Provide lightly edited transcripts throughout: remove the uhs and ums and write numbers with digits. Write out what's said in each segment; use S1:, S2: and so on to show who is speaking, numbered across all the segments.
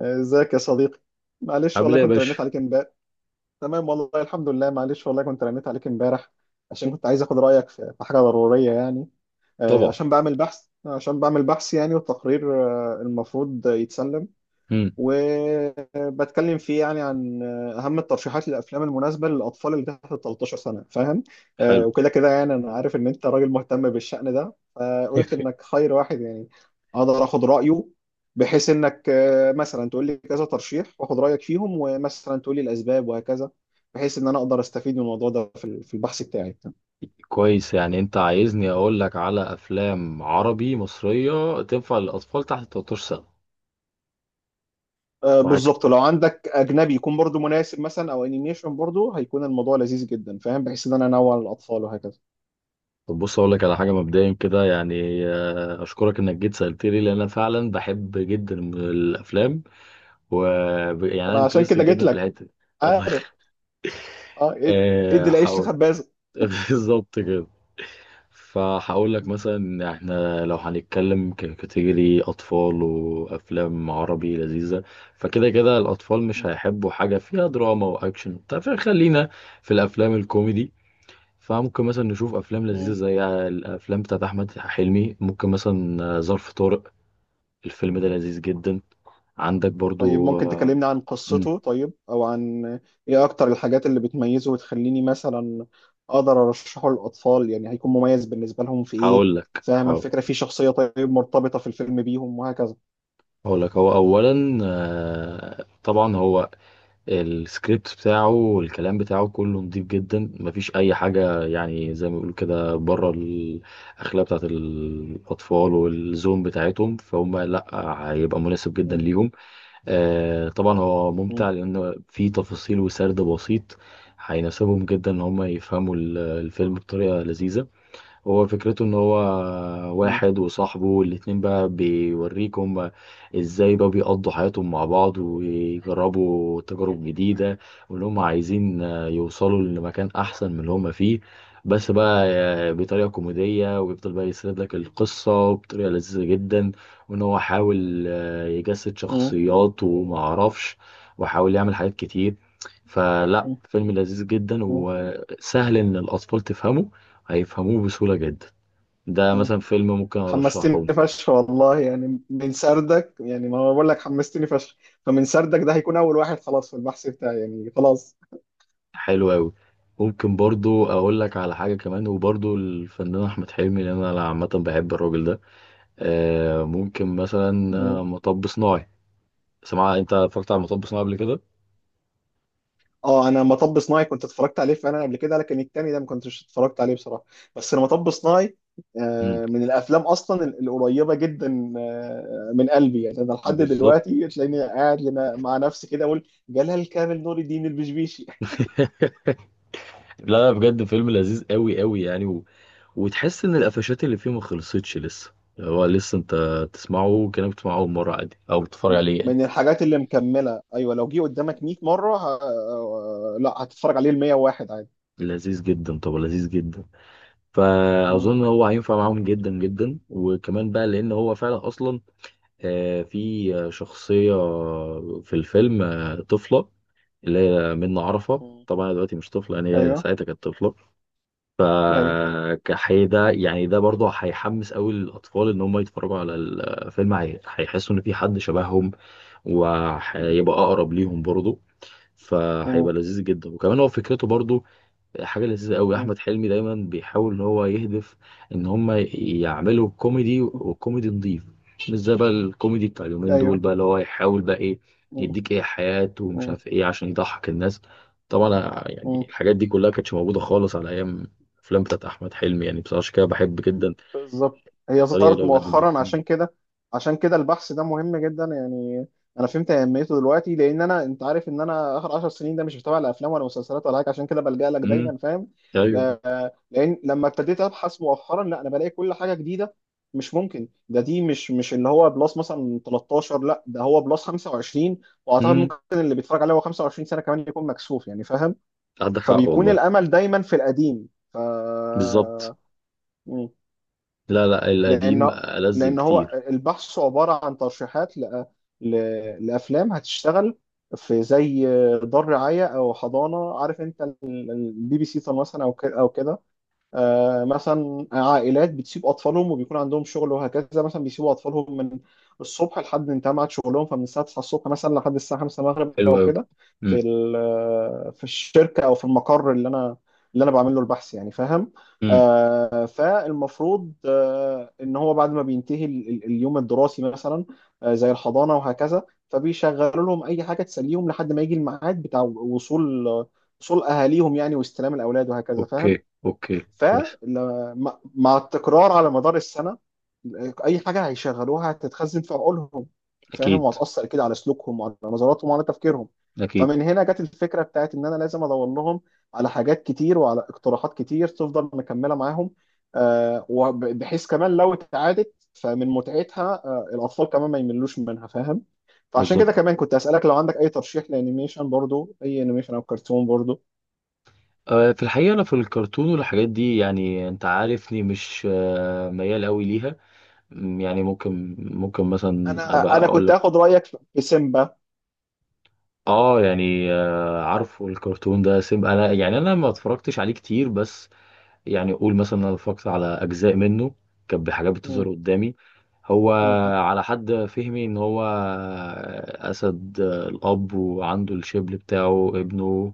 S1: ازيك يا صديقي. معلش
S2: عامل
S1: والله
S2: ايه يا
S1: كنت رنيت
S2: باشا؟
S1: عليك امبارح. تمام والله الحمد لله، معلش والله كنت رنيت عليك امبارح عشان كنت عايز اخد رايك في حاجه ضروريه يعني.
S2: طبعا.
S1: عشان بعمل بحث يعني والتقرير المفروض يتسلم.
S2: امم.
S1: وبتكلم فيه يعني عن اهم الترشيحات للافلام المناسبه للاطفال اللي تحت 13 سنه، فاهم؟
S2: حلو.
S1: وكده كده يعني، انا عارف ان انت راجل مهتم بالشأن ده، فقلت انك خير واحد يعني اقدر اخد رايه، بحيث انك مثلا تقول لي كذا ترشيح واخد رايك فيهم ومثلا تقول لي الاسباب وهكذا، بحيث ان انا اقدر استفيد من الموضوع ده في في البحث بتاعي.
S2: كويس، يعني انت عايزني اقول لك على افلام عربي مصريه تنفع للاطفال تحت 13 سنه؟ معاك.
S1: بالظبط، لو عندك اجنبي يكون برضو مناسب مثلا، او انيميشن برضو هيكون الموضوع لذيذ جدا، فاهم؟ بحيث ان انا انوع للاطفال وهكذا.
S2: طب بص اقول لك على حاجه مبدئيا كده، يعني اشكرك انك جيت سالت لي لان انا فعلا بحب جدا الافلام و يعني انا
S1: انا عشان
S2: انترستد
S1: كده جيت
S2: جدا في
S1: لك،
S2: الحته دي. يلا
S1: عارف. اه ادي العيش
S2: حاول.
S1: لخبازه.
S2: بالظبط كده. فهقول لك مثلا إن احنا لو هنتكلم ككاتيجوري اطفال وافلام عربي لذيذه، فكده كده الاطفال مش هيحبوا حاجه فيها دراما واكشن وبتاع، فخلينا في الافلام الكوميدي. فممكن مثلا نشوف افلام لذيذه
S1: مم.
S2: زي الافلام بتاعت احمد حلمي. ممكن مثلا ظرف طارق. الفيلم ده لذيذ جدا. عندك
S1: طيب
S2: برضو
S1: ممكن تكلمني عن
S2: مم،
S1: قصته طيب، او عن ايه اكتر الحاجات اللي بتميزه وتخليني مثلا اقدر ارشحه للاطفال؟ يعني هيكون مميز بالنسبه لهم في ايه؟
S2: هقول لك
S1: فاهم
S2: هقول
S1: الفكره؟ في شخصيه طيب مرتبطه في الفيلم بيهم وهكذا.
S2: هقول لك هو اولا، طبعا هو السكريبت بتاعه والكلام بتاعه كله نضيف جدا، مفيش اي حاجه يعني زي ما بيقولوا كده بره الاخلاق بتاعت الاطفال والزوم بتاعتهم، فهم لا، هيبقى مناسب جدا
S1: مم.
S2: ليهم. آه طبعا هو
S1: مم.
S2: ممتع لان في تفاصيل وسرد بسيط هيناسبهم جدا، ان هم يفهموا الفيلم بطريقه لذيذه. هو فكرته ان هو
S1: مم.
S2: واحد وصاحبه، والاتنين بقى بيوريك هما ازاي بقى بيقضوا حياتهم مع بعض ويجربوا تجارب جديدة، وان هما عايزين يوصلوا لمكان احسن من اللي هما فيه. بس بقى بطريقة كوميدية، ويفضل بقى يسرد لك القصة بطريقة لذيذة جدا، وان هو حاول يجسد
S1: مم.
S2: شخصيات ومعرفش، وحاول يعمل حاجات كتير. فلا،
S1: مم.
S2: فيلم لذيذ جدا
S1: مم.
S2: وسهل ان الاطفال تفهمه، هيفهموه بسهولة جدا. ده مثلا فيلم ممكن ارشحه.
S1: حمستني فشخ والله، يعني من سردك، يعني ما أنا بقول لك حمستني فشخ، فمن سردك ده هيكون اول واحد خلاص في البحث بتاعي، يعني خلاص.
S2: حلو قوي. ممكن برضو اقول لك على حاجة كمان، وبرضو الفنان احمد حلمي لان انا عامة بحب الراجل ده. آه ممكن مثلا مطب صناعي. سمع، انت اتفرجت على مطب صناعي قبل كده؟
S1: اه انا مطب صناعي كنت اتفرجت عليه فعلا قبل كده، لكن التاني ده ما كنتش اتفرجت عليه بصراحه. بس انا مطب صناعي
S2: مم.
S1: من الافلام اصلا القريبه جدا من قلبي. يعني انا لحد
S2: بالظبط.
S1: دلوقتي تلاقيني قاعد مع نفسي كده اقول جلال كامل نور الدين البشبيشي.
S2: لا لا، بجد فيلم لذيذ قوي قوي يعني و وتحس ان القفشات اللي فيه ما خلصتش لسه. هو لسه انت تسمعه كأنك بتسمعه اول مرة عادي، او بتتفرج عليه يعني.
S1: من الحاجات اللي مكمله، ايوه، لو جه قدامك 100 مره ه... آه، لا هتتفرج عليه ال 101 عادي.
S2: لذيذ جدا، طب لذيذ جدا.
S1: مم.
S2: فاظن هو هينفع معاهم جدا جدا. وكمان بقى لان هو فعلا اصلا، في شخصيه في الفيلم، طفله، اللي هي منة عرفه،
S1: مم.
S2: طبعا دلوقتي مش طفله يعني، هي
S1: ايوه،
S2: ساعتها كانت طفله.
S1: ايوه.
S2: فكحي ده يعني ده برضه هيحمس قوي الاطفال ان هم يتفرجوا على الفيلم، هيحسوا ان في حد شبههم،
S1: مم.
S2: وهيبقى اقرب ليهم برضه.
S1: مم.
S2: فهيبقى لذيذ جدا. وكمان هو فكرته برضه حاجة لذيذة قوي. أحمد حلمي دايما بيحاول إن هو يهدف، إن هما يعملوا كوميدي،
S1: مم.
S2: وكوميدي نظيف. مش زي بقى الكوميدي بتاع اليومين دول
S1: ايوه.
S2: بقى، اللي هو يحاول بقى إيه،
S1: مم.
S2: يديك إيه حياة ومش عارف إيه، عشان يضحك الناس. طبعا
S1: مم.
S2: يعني الحاجات دي كلها كانتش موجودة خالص على أيام الأفلام بتاعت أحمد حلمي، يعني بصراحة عشان كده بحب جدا
S1: بالظبط. هي
S2: الطريقة اللي
S1: ظهرت
S2: هو بيقدم بيها.
S1: مؤخرا عشان كده. عشان كده البحث ده مهم جدا يعني. انا فهمت اهميته دلوقتي، لان انا انت عارف ان انا اخر 10 سنين ده مش بتابع لا افلام ولا مسلسلات ولا حاجه، عشان كده بلجأ لك
S2: أمم.
S1: دايما، فاهم؟
S2: أيوه.
S1: لان لما ابتديت ابحث مؤخرا، لا انا بلاقي كل حاجه جديده. مش ممكن ده، دي مش اللي هو بلس مثلا 13، لا ده هو بلس 25. واعتقد
S2: أمم.
S1: ممكن اللي بيتفرج عليه هو 25 سنه كمان يكون مكسوف يعني، فاهم؟
S2: عندك حق
S1: فبيكون
S2: والله.
S1: الامل دايما في القديم. ف
S2: بالظبط. لا لا، القديم
S1: لان
S2: ألذ
S1: لان هو
S2: بكتير.
S1: البحث عباره عن ترشيحات ل... لافلام هتشتغل في زي دار رعايه او حضانه. عارف انت البي بي سي مثلا، او كده او كده. مثلا عائلات بتسيب اطفالهم وبيكون عندهم شغل وهكذا، مثلا بيسيبوا اطفالهم من الصبح لحد انتهى ميعاد شغلهم، فمن الساعه 9 الصبح مثلا لحد الساعه 5 المغرب
S2: حلو
S1: او
S2: قوي.
S1: كده. في في الشركه او في المقر اللي انا بعمل له البحث، يعني فاهم؟ فالمفروض ان هو بعد ما بينتهي اليوم الدراسي مثلا، زي الحضانه وهكذا، فبيشغلوا لهم اي حاجه تسليهم لحد ما يجي الميعاد بتاع وصول اهاليهم يعني، واستلام الاولاد وهكذا، فاهم؟
S2: اوكي اوكي، كويس.
S1: فمع التكرار على مدار السنة أي حاجة هيشغلوها هتتخزن في عقولهم، فاهم؟
S2: اكيد،
S1: وهتأثر كده على سلوكهم وعلى نظراتهم وعلى تفكيرهم.
S2: اكيد.
S1: فمن هنا جت الفكرة بتاعت إن أنا لازم أدور لهم على حاجات كتير وعلى اقتراحات كتير تفضل مكملة معاهم، بحيث كمان لو اتعادت فمن متعتها الأطفال كمان ما يملوش منها، فاهم؟ فعشان
S2: بالظبط.
S1: كده كمان كنت أسألك لو عندك أي ترشيح لأنيميشن، برضو أي أنيميشن أو كرتون برضو.
S2: في الحقيقه انا في الكرتون والحاجات دي يعني انت عارفني مش ميال قوي ليها. يعني ممكن مثلا ابقى
S1: أنا
S2: اقول
S1: كنت
S2: لك.
S1: هاخد رأيك في سيمبا.
S2: اه يعني، عارفه الكرتون ده سيم، انا يعني انا ما اتفرجتش عليه كتير، بس يعني اقول مثلا انا اتفرجت على اجزاء منه كانت بحاجات
S1: مم.
S2: بتظهر قدامي. هو
S1: مم.
S2: على حد فهمي ان هو اسد، الاب، وعنده الشبل بتاعه ابنه،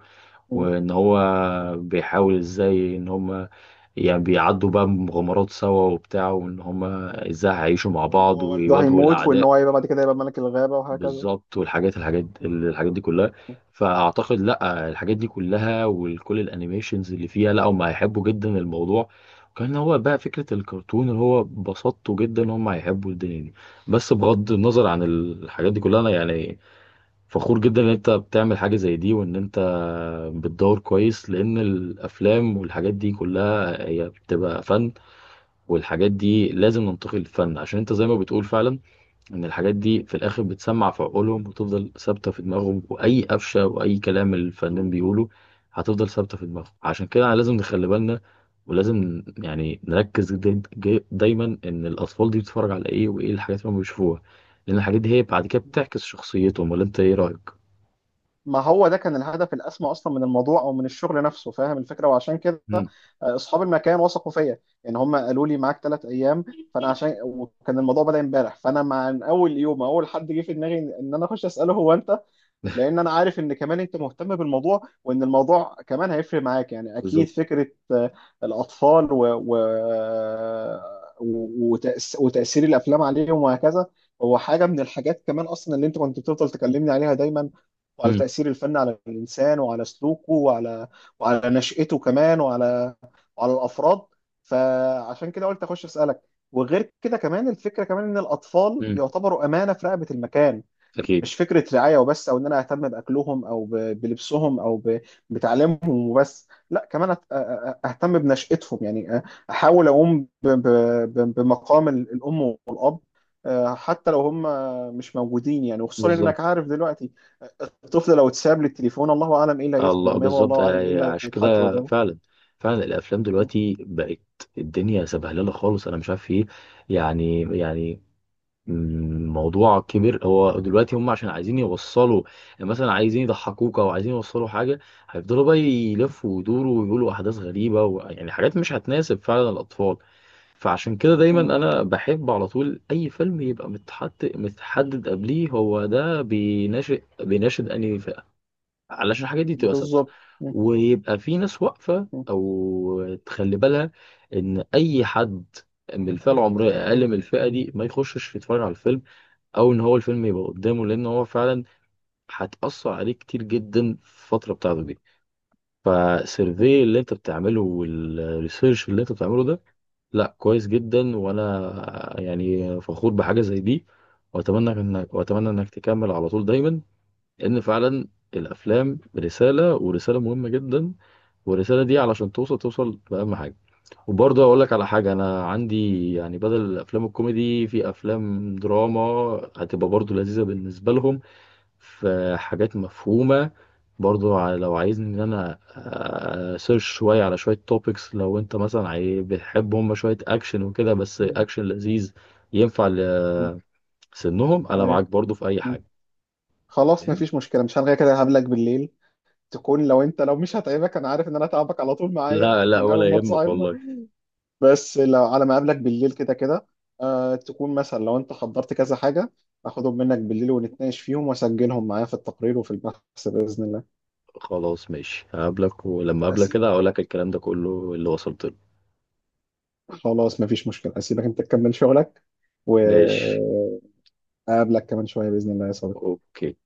S1: مم.
S2: وان هو
S1: مم.
S2: بيحاول ازاي ان هم يعني بيعدوا بقى مغامرات سوا وبتاع، وان هم ازاي هيعيشوا مع
S1: وان
S2: بعض
S1: هو والده ده هيموت
S2: ويواجهوا
S1: هيموت، وان
S2: الاعداء.
S1: هو هيبقى بعد كده يبقى ملك الغابة وهكذا.
S2: بالظبط. والحاجات الحاجات
S1: مم.
S2: الحاجات دي كلها، فاعتقد لا، الحاجات دي كلها وكل الانيميشنز اللي فيها، لا هم هيحبوا جدا الموضوع. كان هو بقى فكرة الكرتون اللي هو بسطته جدا، هم هيحبوا الدنيا دي. بس بغض النظر عن الحاجات دي كلها، انا يعني فخور جدا ان انت بتعمل حاجة زي دي، وان انت بتدور كويس. لان الافلام والحاجات دي كلها هي بتبقى فن، والحاجات دي لازم ننتقل للفن. عشان انت زي ما بتقول فعلا ان الحاجات دي في الاخر بتسمع في عقولهم وتفضل ثابتة في دماغهم، واي قفشة واي كلام الفنان بيقوله هتفضل ثابتة في
S1: مم.
S2: دماغهم. عشان كده لازم نخلي بالنا، ولازم يعني نركز دايما ان الاطفال دي بتتفرج على ايه، وايه الحاجات اللي هم بيشوفوها، لان الحاجات دي هي بعد كده بتعكس شخصيتهم. ولا انت ايه رأيك؟
S1: ما هو ده كان الهدف الأسمى أصلا من الموضوع أو من الشغل نفسه، فاهم الفكرة؟ وعشان كده أصحاب المكان وثقوا فيا، يعني هم قالوا لي معاك 3 أيام. فأنا عشان وكان الموضوع بدأ امبارح، فأنا مع من أول يوم أول حد جه في دماغي إن أنا أخش أسأله هو أنت، لان انا عارف ان كمان انت مهتم بالموضوع، وان الموضوع كمان هيفرق معاك يعني اكيد
S2: بالظبط.
S1: فكره آه، الاطفال وتاثير الافلام عليهم وهكذا. هو حاجه من الحاجات كمان اصلا اللي انت كنت بتفضل تكلمني عليها دايما، وعلى
S2: امم.
S1: تاثير الفن على الانسان وعلى سلوكه وعلى نشأته كمان وعلى الافراد. فعشان كده قلت اخش اسالك. وغير كده كمان الفكره كمان ان الاطفال
S2: امم.
S1: يعتبروا امانه في رقبه المكان،
S2: اكيد.
S1: مش فكرة رعاية وبس أو إن أنا أهتم بأكلهم بلبسهم بتعليمهم وبس، لا كمان أهتم بنشأتهم يعني، أحاول أقوم بمقام الأم والأب، حتى لو هم مش موجودين يعني. وخصوصا
S2: بالظبط.
S1: إنك عارف دلوقتي الطفل لو اتساب للتليفون، الله أعلم إيه اللي هيدخل
S2: الله،
S1: دماغه،
S2: بالظبط.
S1: والله أعلم إيه اللي
S2: عشان
S1: هيتحط
S2: كده
S1: قدامه.
S2: فعلا، فعلا الافلام
S1: م-
S2: دلوقتي بقت الدنيا سبهلله خالص. انا مش عارف ايه، يعني الموضوع كبير. هو دلوقتي هم عشان عايزين يوصلوا، يعني مثلا عايزين يضحكوك او عايزين يوصلوا حاجه، هيفضلوا بقى يلفوا ويدوروا ويقولوا احداث غريبه، ويعني حاجات مش هتناسب فعلا الاطفال. فعشان كده دايما
S1: م-
S2: انا بحب على طول اي فيلم يبقى متحط متحدد قبليه هو ده بيناشد انهي، علشان الحاجات دي تبقى ثابته،
S1: بالظبط.
S2: ويبقى في ناس واقفه
S1: م-
S2: او تخلي بالها ان اي حد من الفئه العمريه اقل من الفئه دي ما يخشش يتفرج على الفيلم، او ان هو الفيلم يبقى قدامه، لان هو فعلا هتاثر عليه كتير جدا في الفتره بتاعته دي.
S1: م-
S2: فالسيرفي اللي انت بتعمله، والريسيرش اللي انت بتعمله ده، لا كويس جدا، وانا يعني فخور بحاجه زي دي. واتمنى انك تكمل على طول دايما، لان فعلا الافلام رساله، ورساله مهمه جدا، والرساله دي علشان توصل، توصل باهم حاجه. وبرضه اقول لك على حاجه، انا عندي يعني بدل الافلام الكوميدي في افلام دراما هتبقى برضه لذيذه بالنسبه لهم، في حاجات مفهومه برضه. لو عايزني ان انا سيرش شويه على شويه توبكس، لو انت مثلا بتحب هم شويه اكشن وكده، بس
S1: م-
S2: اكشن لذيذ ينفع
S1: م-
S2: لسنهم، انا معاك
S1: أيوه.
S2: برضه في اي
S1: م.
S2: حاجه.
S1: خلاص
S2: فاهم؟
S1: مفيش مشكلة، مش هلغي كده، هقابلك بالليل. تكون لو انت لو مش هتعبك، انا عارف ان انا هتعبك على طول
S2: لا
S1: معايا
S2: لا،
S1: من اول
S2: ولا
S1: ما
S2: يهمك
S1: تصاحبنا،
S2: والله.
S1: بس لو على ما اقابلك بالليل كده كده، آه تكون مثلا لو انت حضرت كذا حاجه اخدهم منك بالليل ونتناقش فيهم واسجلهم معايا في التقرير وفي البحث باذن الله.
S2: خلاص ماشي، هقابلك، ولما اقابلك
S1: أسي...
S2: كده هقول لك الكلام ده كله اللي وصلت له.
S1: خلاص مفيش مشكله، اسيبك انت تكمل شغلك،
S2: ماشي.
S1: واقابلك كمان شويه باذن الله يا صديقي.
S2: اوكي.